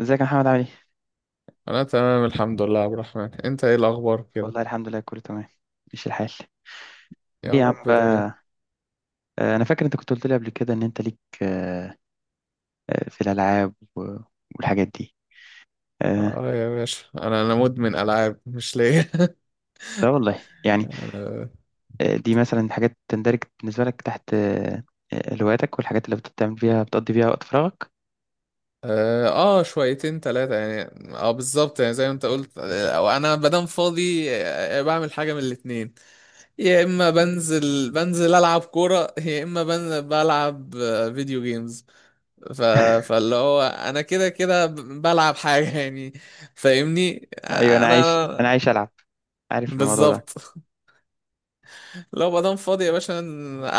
ازيك يا محمد عامل ايه؟ انا تمام الحمد لله يا عبد الرحمن، انت ايه الاخبار كده؟ والله الحمد لله كله تمام. ماشي الحال. ايه يا يا رب عم دايما. بقى. انا فاكر انت كنت قلت لي قبل كده ان انت ليك في الالعاب والحاجات دي. آه، اه يا باشا، انا مدمن العاب مش ليا. لا والله يعني. انا دي مثلا حاجات تندرج بالنسبه لك تحت، هواياتك والحاجات اللي بتعمل فيها بتقضي فيها وقت فراغك. اه شويتين ثلاثه يعني. اه بالظبط، يعني زي ما انت قلت، او انا مادام فاضي بعمل حاجه من الاتنين. يا اما بنزل العب كوره، يا اما بنزل بلعب فيديو جيمز. ف... فاللي هو انا كده كده بلعب حاجه يعني، فاهمني ايوه، انا انا. عايش العب. عارف الموضوع ده. بالظبط. لو بقى دام فاضي يا باشا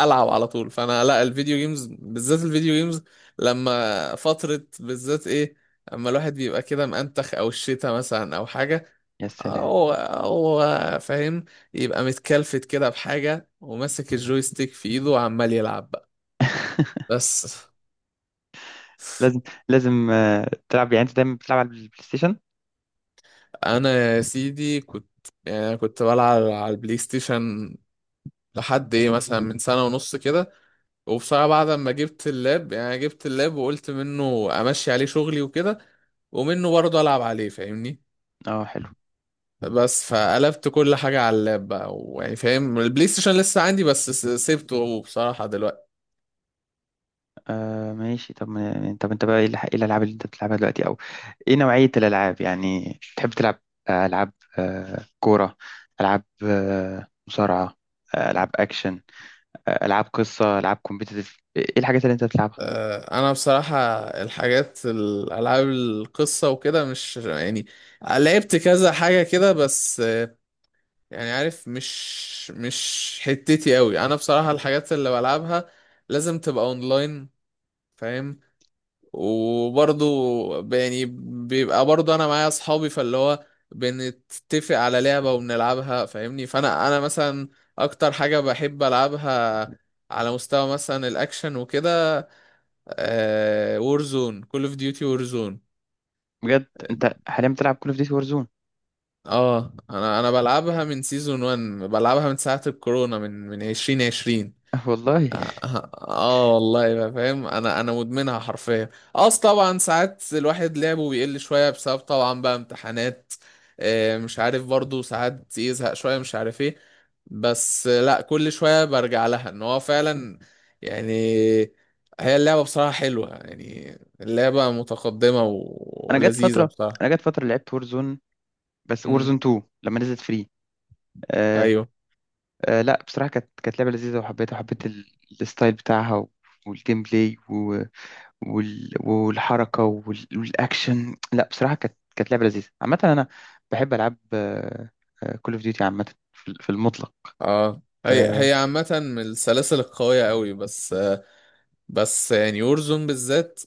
العب على طول، فانا لا، الفيديو جيمز بالذات الفيديو جيمز لما فترة بالذات ايه، اما الواحد بيبقى كده مأنتخ او الشتا مثلا او حاجة. يا سلام. او او فاهم، يبقى متكلفت كده بحاجة وماسك الجويستيك في ايده وعمال يلعب بقى. بس. لازم لازم تلعب، يعني انت دايما بتلعب على البلاي ستيشن؟ انا يا سيدي كنت، يعني كنت بلعب على البلاي ستيشن لحد ايه مثلا من سنة ونص كده. وبصراحة بعد ما جبت اللاب، يعني أنا جبت اللاب وقلت منه امشي عليه شغلي وكده ومنه برضه العب عليه فاهمني. اه، حلو. بس فقلبت كل حاجة على اللاب بقى. ويعني فاهم، البلاي ستيشن لسه عندي، بس سيبته بصراحة دلوقتي. آه، ماشي. طب ما- طب انت بقى ايه إيه الالعاب اللي انت بتلعبها دلوقتي، او ايه نوعية الالعاب يعني تحب تلعب؟ العاب كورة، العاب مصارعة، العاب اكشن، العاب قصة، العاب كومبيتيتيف. ايه الحاجات اللي انت بتلعبها؟ انا بصراحة الحاجات الالعاب القصة وكده مش يعني، لعبت كذا حاجة كده بس يعني عارف مش حتتي قوي. انا بصراحة الحاجات اللي بلعبها لازم تبقى اونلاين، فاهم. وبرضو يعني بيبقى برضو انا معايا اصحابي، فاللي هو بنتفق على لعبة وبنلعبها فاهمني. فانا انا مثلا اكتر حاجة بحب العبها على مستوى مثلا الاكشن وكده، آه وورزون، كول اوف ديوتي وورزون. بجد؟ انت حاليا بتلعب كول اوف ديوتي وورزون؟ اه انا بلعبها من سيزون 1، بلعبها من ساعة الكورونا، من من 2020. والله، اه آه والله بقى فاهم، انا مدمنها حرفيا. اص طبعا ساعات الواحد لعبه بيقل شويه بسبب طبعا بقى امتحانات، مش عارف، برضو ساعات يزهق شويه مش عارف ايه. بس لا، كل شويه برجع لها، ان هو فعلا يعني هي اللعبه بصراحه حلوه يعني، اللعبه متقدمه انا جت ولذيذه فترة بصراحه. انا جت فترة لعبت وورزون، بس وورزون امم 2 لما نزلت فري. آه ايوه. لا بصراحة كانت لعبة لذيذة، وحبيتها وحبيت الستايل بتاعها والجيم بلاي والحركة والأكشن. لا بصراحة كانت لعبة لذيذة عامة. أنا بحب ألعاب كول أوف ديوتي عامة في المطلق. اه هي آه هي عامه من السلاسل القويه قوي، بس يعني وورزون بالذات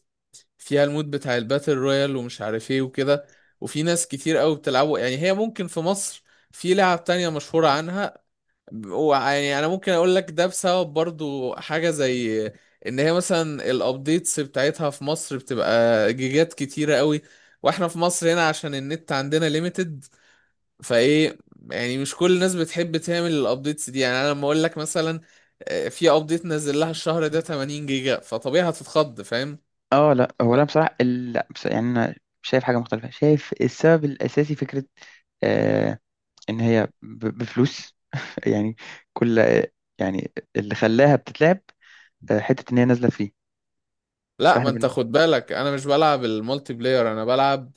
فيها المود بتاع الباتل رويال ومش عارف ايه وكده، وفي ناس كتير قوي بتلعبه. يعني هي ممكن في مصر في لعب تانية مشهورة عنها، ويعني انا ممكن اقول لك ده بسبب برضو حاجة زي ان هي مثلا الابديتس بتاعتها في مصر بتبقى جيجات كتيرة قوي، واحنا في مصر هنا عشان النت عندنا ليميتد فايه، يعني مش كل الناس بتحب تعمل الابديتس دي. يعني انا لما اقول لك مثلا في ابديت نزل لها الشهر ده 80 جيجا، فطبيعي هتتخض فاهم. لا، لا بصراحة، ال- لا بص- يعني أنا شايف حاجة مختلفة. شايف السبب الأساسي فكرة آه إن هي بفلوس. يعني كل، يعني اللي خلاها بتتلعب حتة إن هي نازلة فيه. لا ما فإحنا انت بن... خد بالك، انا مش بلعب المالتي بلاير، انا بلعب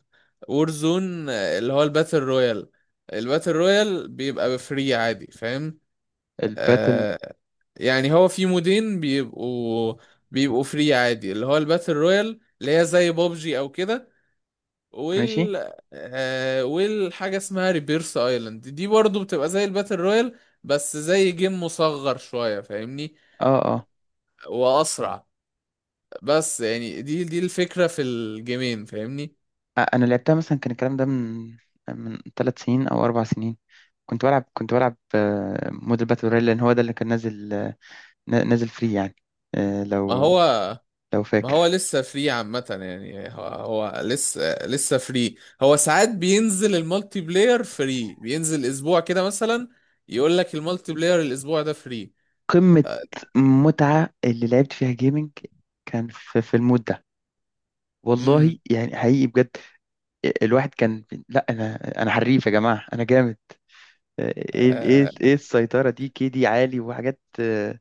وورزون اللي هو الباتل رويال. الباتل رويال بيبقى بفري عادي فاهم. الباتل. آه، يعني هو في مودين بيبقوا فري عادي، اللي هو الباتل رويال اللي هي زي بابجي او كده. ماشي. وال آه، والحاجة اسمها ريبيرس ايلاند دي برضو بتبقى زي الباتل رويال بس زي جيم مصغر شوية فاهمني، آه آه واسرع. بس يعني دي الفكرة في الجيمين فاهمني. انا لعبتها مثلا، كان الكلام ده من 3 سنين او 4 سنين. كنت بلعب موديل باتل رويال، لان هو ده اللي كان نازل نازل فري يعني. آه، ما لو هو لو ما هو فاكر. لسه فري عامة، يعني هو لسه فري. هو ساعات بينزل المالتي بلاير فري، بينزل اسبوع كده مثلا، يقول لك المالتي بلاير الاسبوع ده فري. قمة متعة اللي لعبت فيها جيمنج كان في المود ده. والله امم. يعني حقيقي بجد. الواحد كان. لا انا حريف يا جماعة، انا جامد. آه، آه. ايه السيطرة دي، كيدي عالي وحاجات، آه،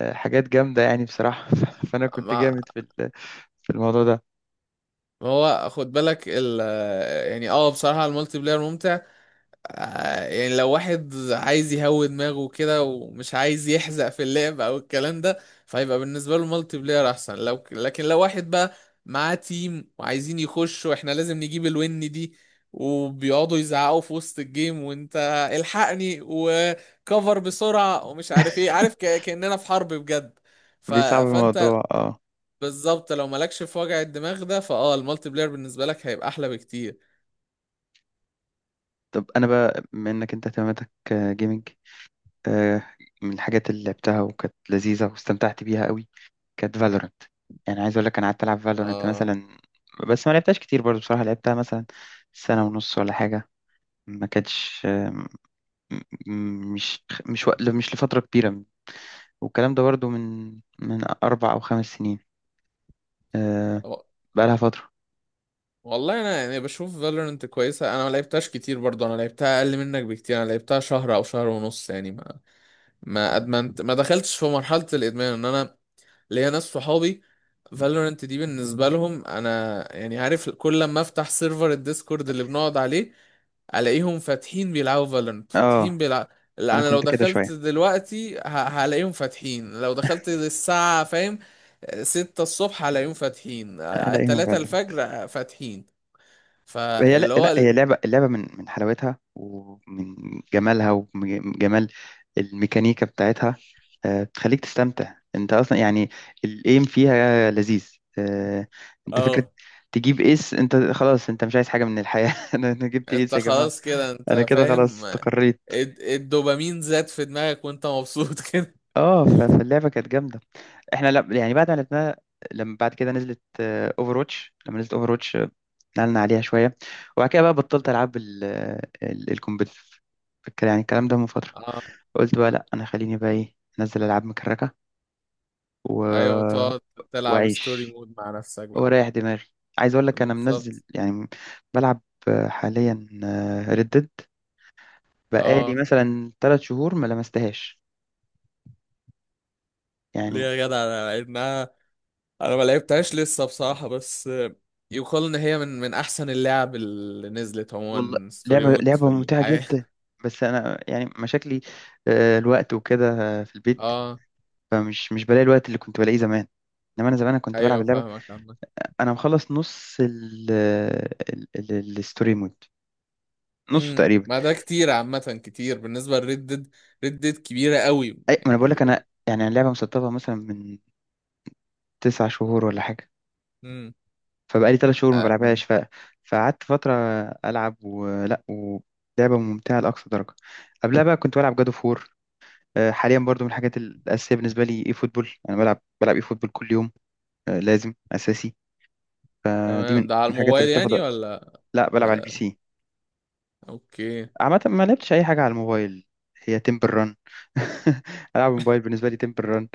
آه، حاجات جامدة يعني بصراحة. فانا كنت ما جامد في الموضوع ده. ما هو خد بالك ال، يعني اه بصراحة المالتي بلاير ممتع. يعني لو واحد عايز يهوي دماغه كده ومش عايز يحزق في اللعب او الكلام ده، فهيبقى بالنسبه له مالتي بلاير احسن. لكن لو واحد بقى معاه تيم وعايزين يخشوا احنا لازم نجيب الون دي، وبيقعدوا يزعقوا في وسط الجيم وانت الحقني وكفر بسرعه ومش عارف ايه، عارف كاننا في حرب بجد. بيصعب فانت الموضوع، اه. بالظبط لو مالكش في وجع الدماغ ده فاه، المالتي بلاير بالنسبه لك هيبقى احلى بكتير. طب انا بقى، بما انك انت اهتماماتك جيمنج، من الحاجات اللي لعبتها وكانت لذيذه واستمتعت بيها قوي كانت فالورنت. يعني عايز اقول لك انا قعدت العب فالورنت آه مثلا، بس ما لعبتهاش كتير برضه بصراحه، لعبتها مثلا سنه ونص ولا حاجه. ما كانتش مش مش لفتره كبيره. والكلام ده برضه من 4 او 5 سنين. آه، بقى لها فتره. والله انا يعني بشوف فالورنت كويسه، انا ما لعبتهاش كتير برضه، انا لعبتها اقل منك بكتير، انا لعبتها شهر او شهر ونص يعني. ما ادمنت، ما دخلتش في مرحله الادمان. ان انا ليا ناس صحابي فالورنت دي بالنسبه لهم انا يعني عارف، كل لما افتح سيرفر الديسكورد اللي بنقعد عليه الاقيهم فاتحين بيلعبوا فالورنت، اه، فاتحين بيلعبوا. انا انا لو كنت كده دخلت شويه. دلوقتي هلاقيهم فاتحين. لو دخلت الساعة فاهم ستة الصبح هلاقيهم فاتحين، الاقيهم. تلاتة الفجر فاتحين. فاللي هو لا هي لعبة. اللعبة من حلاوتها ومن جمالها ومن جمال الميكانيكا بتاعتها، بتخليك تستمتع انت اصلا يعني. الايم فيها لذيذ. آه، انت فكرة اه. تجيب ايس، انت خلاص، انت مش عايز حاجة من الحياة. أنا جبت ايس انت يا جماعة. خلاص كده انا انت كده خلاص فاهم، استقريت. الدوبامين زاد في دماغك وانت مبسوط كده. اه. فاللعبة كانت جامدة. احنا لا يعني بعد ما لعبناها، لما بعد كده نزلت اوفر واتش، لما نزلت اوفر نقلنا عليها شوية. وبعد كده بقى بطلت ألعب الكومبتيتيف. يعني الكلام ده من فترة. اه. قلت بقى لأ، أنا خليني بقى إيه أنزل ألعاب مكركة و... ايوه، تقعد تلعب ستوري وأعيش مود مع نفسك بقى. وأريح دماغي. عايز أقول لك أنا منزل بالظبط. يعني بلعب حاليا ردد، بقالي اه مثلا 3 شهور ما لمستهاش ليه يعني. يا جدع، انا لعبناها، انا ما لعبتهاش لسه بصراحة، بس يقال ان هي من من احسن اللعب اللي نزلت والله عموما ستوري مود لعبة في ممتعة الحياة. جدا. بس أنا يعني مشاكلي، الوقت وكده، في البيت. اه مش بلاقي الوقت اللي كنت بلاقيه زمان. انما انا زمان، أنا كنت بلعب ايوه اللعبه. فاهمك عامة. انا مخلص نص الستوري مود، نصه امم، تقريبا. ما ده كتير عامة، كتير بالنسبة لريد ديد، ريد ديد كبيرة قوي اي ما انا بقول يعني. لك، انا يعني اللعبه مسطبه مثلا من 9 شهور ولا حاجه. امم. فبقالي 3 شهور ما آه، بلعبهاش. فقعدت فتره العب، ولعبه ممتعه لاقصى درجه. قبلها بقى كنت بلعب جادو فور. حاليا برضو من الحاجات الاساسيه بالنسبه لي اي فوتبول، انا بلعب اي فوتبول كل يوم. لازم اساسي. دي من تمام، ده على الحاجات اللي الموبايل بتاخد يعني وقت. ولا؟ لا بلعب على البي آه. سي. اوكي. عامة ما لعبتش أي حاجة على الموبايل، هي تمبل ران. ألعب الموبايل بالنسبة لي تمبل ران.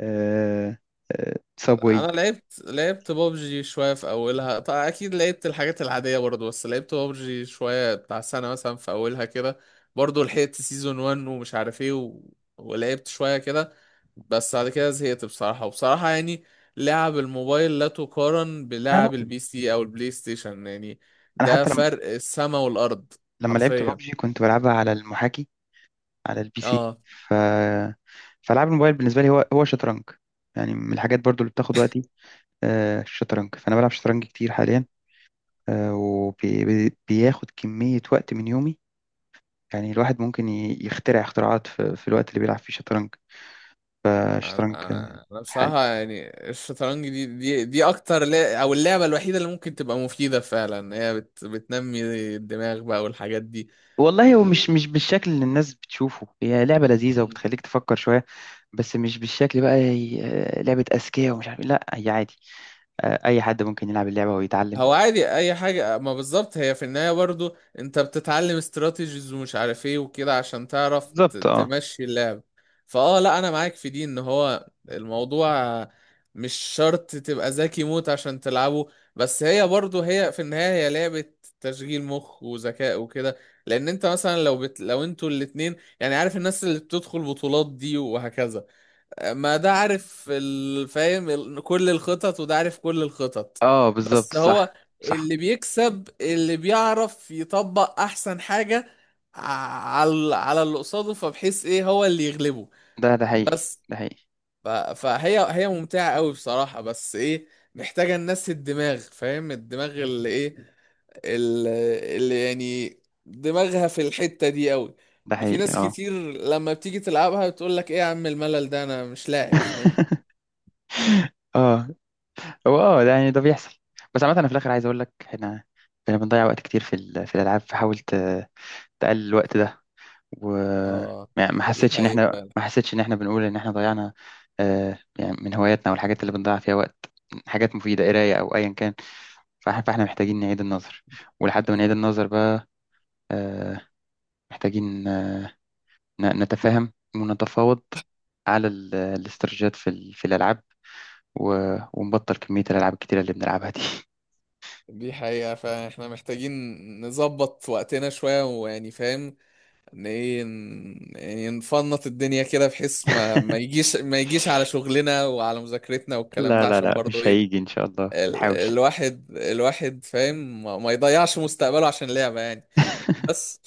أه أه انا سابوي. لعبت بابجي شويه في اولها، طبعا اكيد لعبت الحاجات العاديه برضو، بس لعبت بابجي شويه بتاع سنه مثلا في اولها كده، برضو لحقت سيزون 1 ومش عارف ايه ولعبت شويه كده، بس بعد كده زهقت بصراحه. وبصراحه يعني لعب الموبايل لا تقارن لا بلعب البي سي او البلاي ستيشن يعني، أنا ده حتى فرق السما والارض لما لعبت حرفيا. ببجي كنت بلعبها على المحاكي، على البي سي. اه ف فألعاب الموبايل بالنسبة لي هو شطرنج. يعني من الحاجات برضو اللي بتاخد وقتي، أه، الشطرنج. فأنا بلعب شطرنج كتير حاليا. أه، وبياخد كمية وقت من يومي. يعني الواحد ممكن يخترع اختراعات في الوقت اللي بيلعب فيه شطرنج. انا فالشطرنج. بصراحه يعني الشطرنج دي دي اكتر لا او اللعبه الوحيده اللي ممكن تبقى مفيده فعلا. هي بتنمي الدماغ بقى والحاجات دي والله هو و... مش بالشكل اللي الناس بتشوفه. هي لعبة لذيذة وبتخليك تفكر شوية. بس مش بالشكل بقى، لعبة أذكياء ومش عارف إيه. لا هي عادي. أي حد ممكن يلعب اللعبة ويتعلم. هو عادي اي حاجة. ما بالظبط، هي في النهاية برضو انت بتتعلم استراتيجيز ومش عارف ايه وكده عشان تعرف بالظبط. اه. تمشي اللعب. فاه لا، انا معاك في دي، ان هو الموضوع مش شرط تبقى ذكي موت عشان تلعبه، بس هي برضو هي في النهاية هي لعبة تشغيل مخ وذكاء وكده. لان انت مثلا لو لو انتوا الاتنين يعني عارف، الناس اللي بتدخل بطولات دي وهكذا، ما ده عارف فاهم كل الخطط، وده عارف كل الخطط، اه، بالظبط. بس صح. هو صح. اللي بيكسب اللي بيعرف يطبق احسن حاجة ع- على اللي قصاده فبحيث ايه هو اللي يغلبه. ده حقيقي. بس ده حقيقي. فهي هي ممتعة قوي بصراحة، بس ايه، محتاجة الناس الدماغ فاهم، الدماغ اللي ايه، ال- اللي يعني دماغها في الحتة دي قوي. ده في حقيقي. ناس اه. كتير لما بتيجي تلعبها بتقول لك ايه يا عم الملل ده، انا مش لاعب فاهم. اه. هو، اه، ده يعني ده بيحصل. بس عامة أنا في الآخر عايز أقول لك إحنا بنضيع وقت كتير في الألعاب. فحاول تقلل الوقت ده. وما اه. ما دي حسيتش ان حقيقة احنا، فعلا بنقول ان احنا ضيعنا. يعني من هواياتنا والحاجات اللي بنضيع فيها وقت، حاجات مفيدة قراية او ايا كان. فاحنا محتاجين نعيد النظر. ولحد ما نعيد احنا النظر بقى، آه، محتاجين نتفاهم ونتفاوض على الاستراتيجيات في الالعاب ونبطل كمية الالعاب الكتيرة اللي بنلعبها دي. دي حقيقة فعلا احنا محتاجين نظبط وقتنا شوية، ويعني فاهم ان ايه، يعني نفنط الدنيا كده بحيث ما يجيش، ما يجيش على شغلنا وعلى مذاكرتنا والكلام لا ده، لا عشان لا برضه مش ايه، هيجي ان شاء الله نحاول. الواحد فاهم ما يضيعش مستقبله عشان لعبة يعني. بس.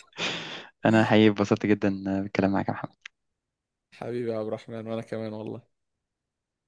انا حقيقي اتبسطت جدا بالكلام معاك يا محمد. حبيبي يا عبد الرحمن وانا كمان والله.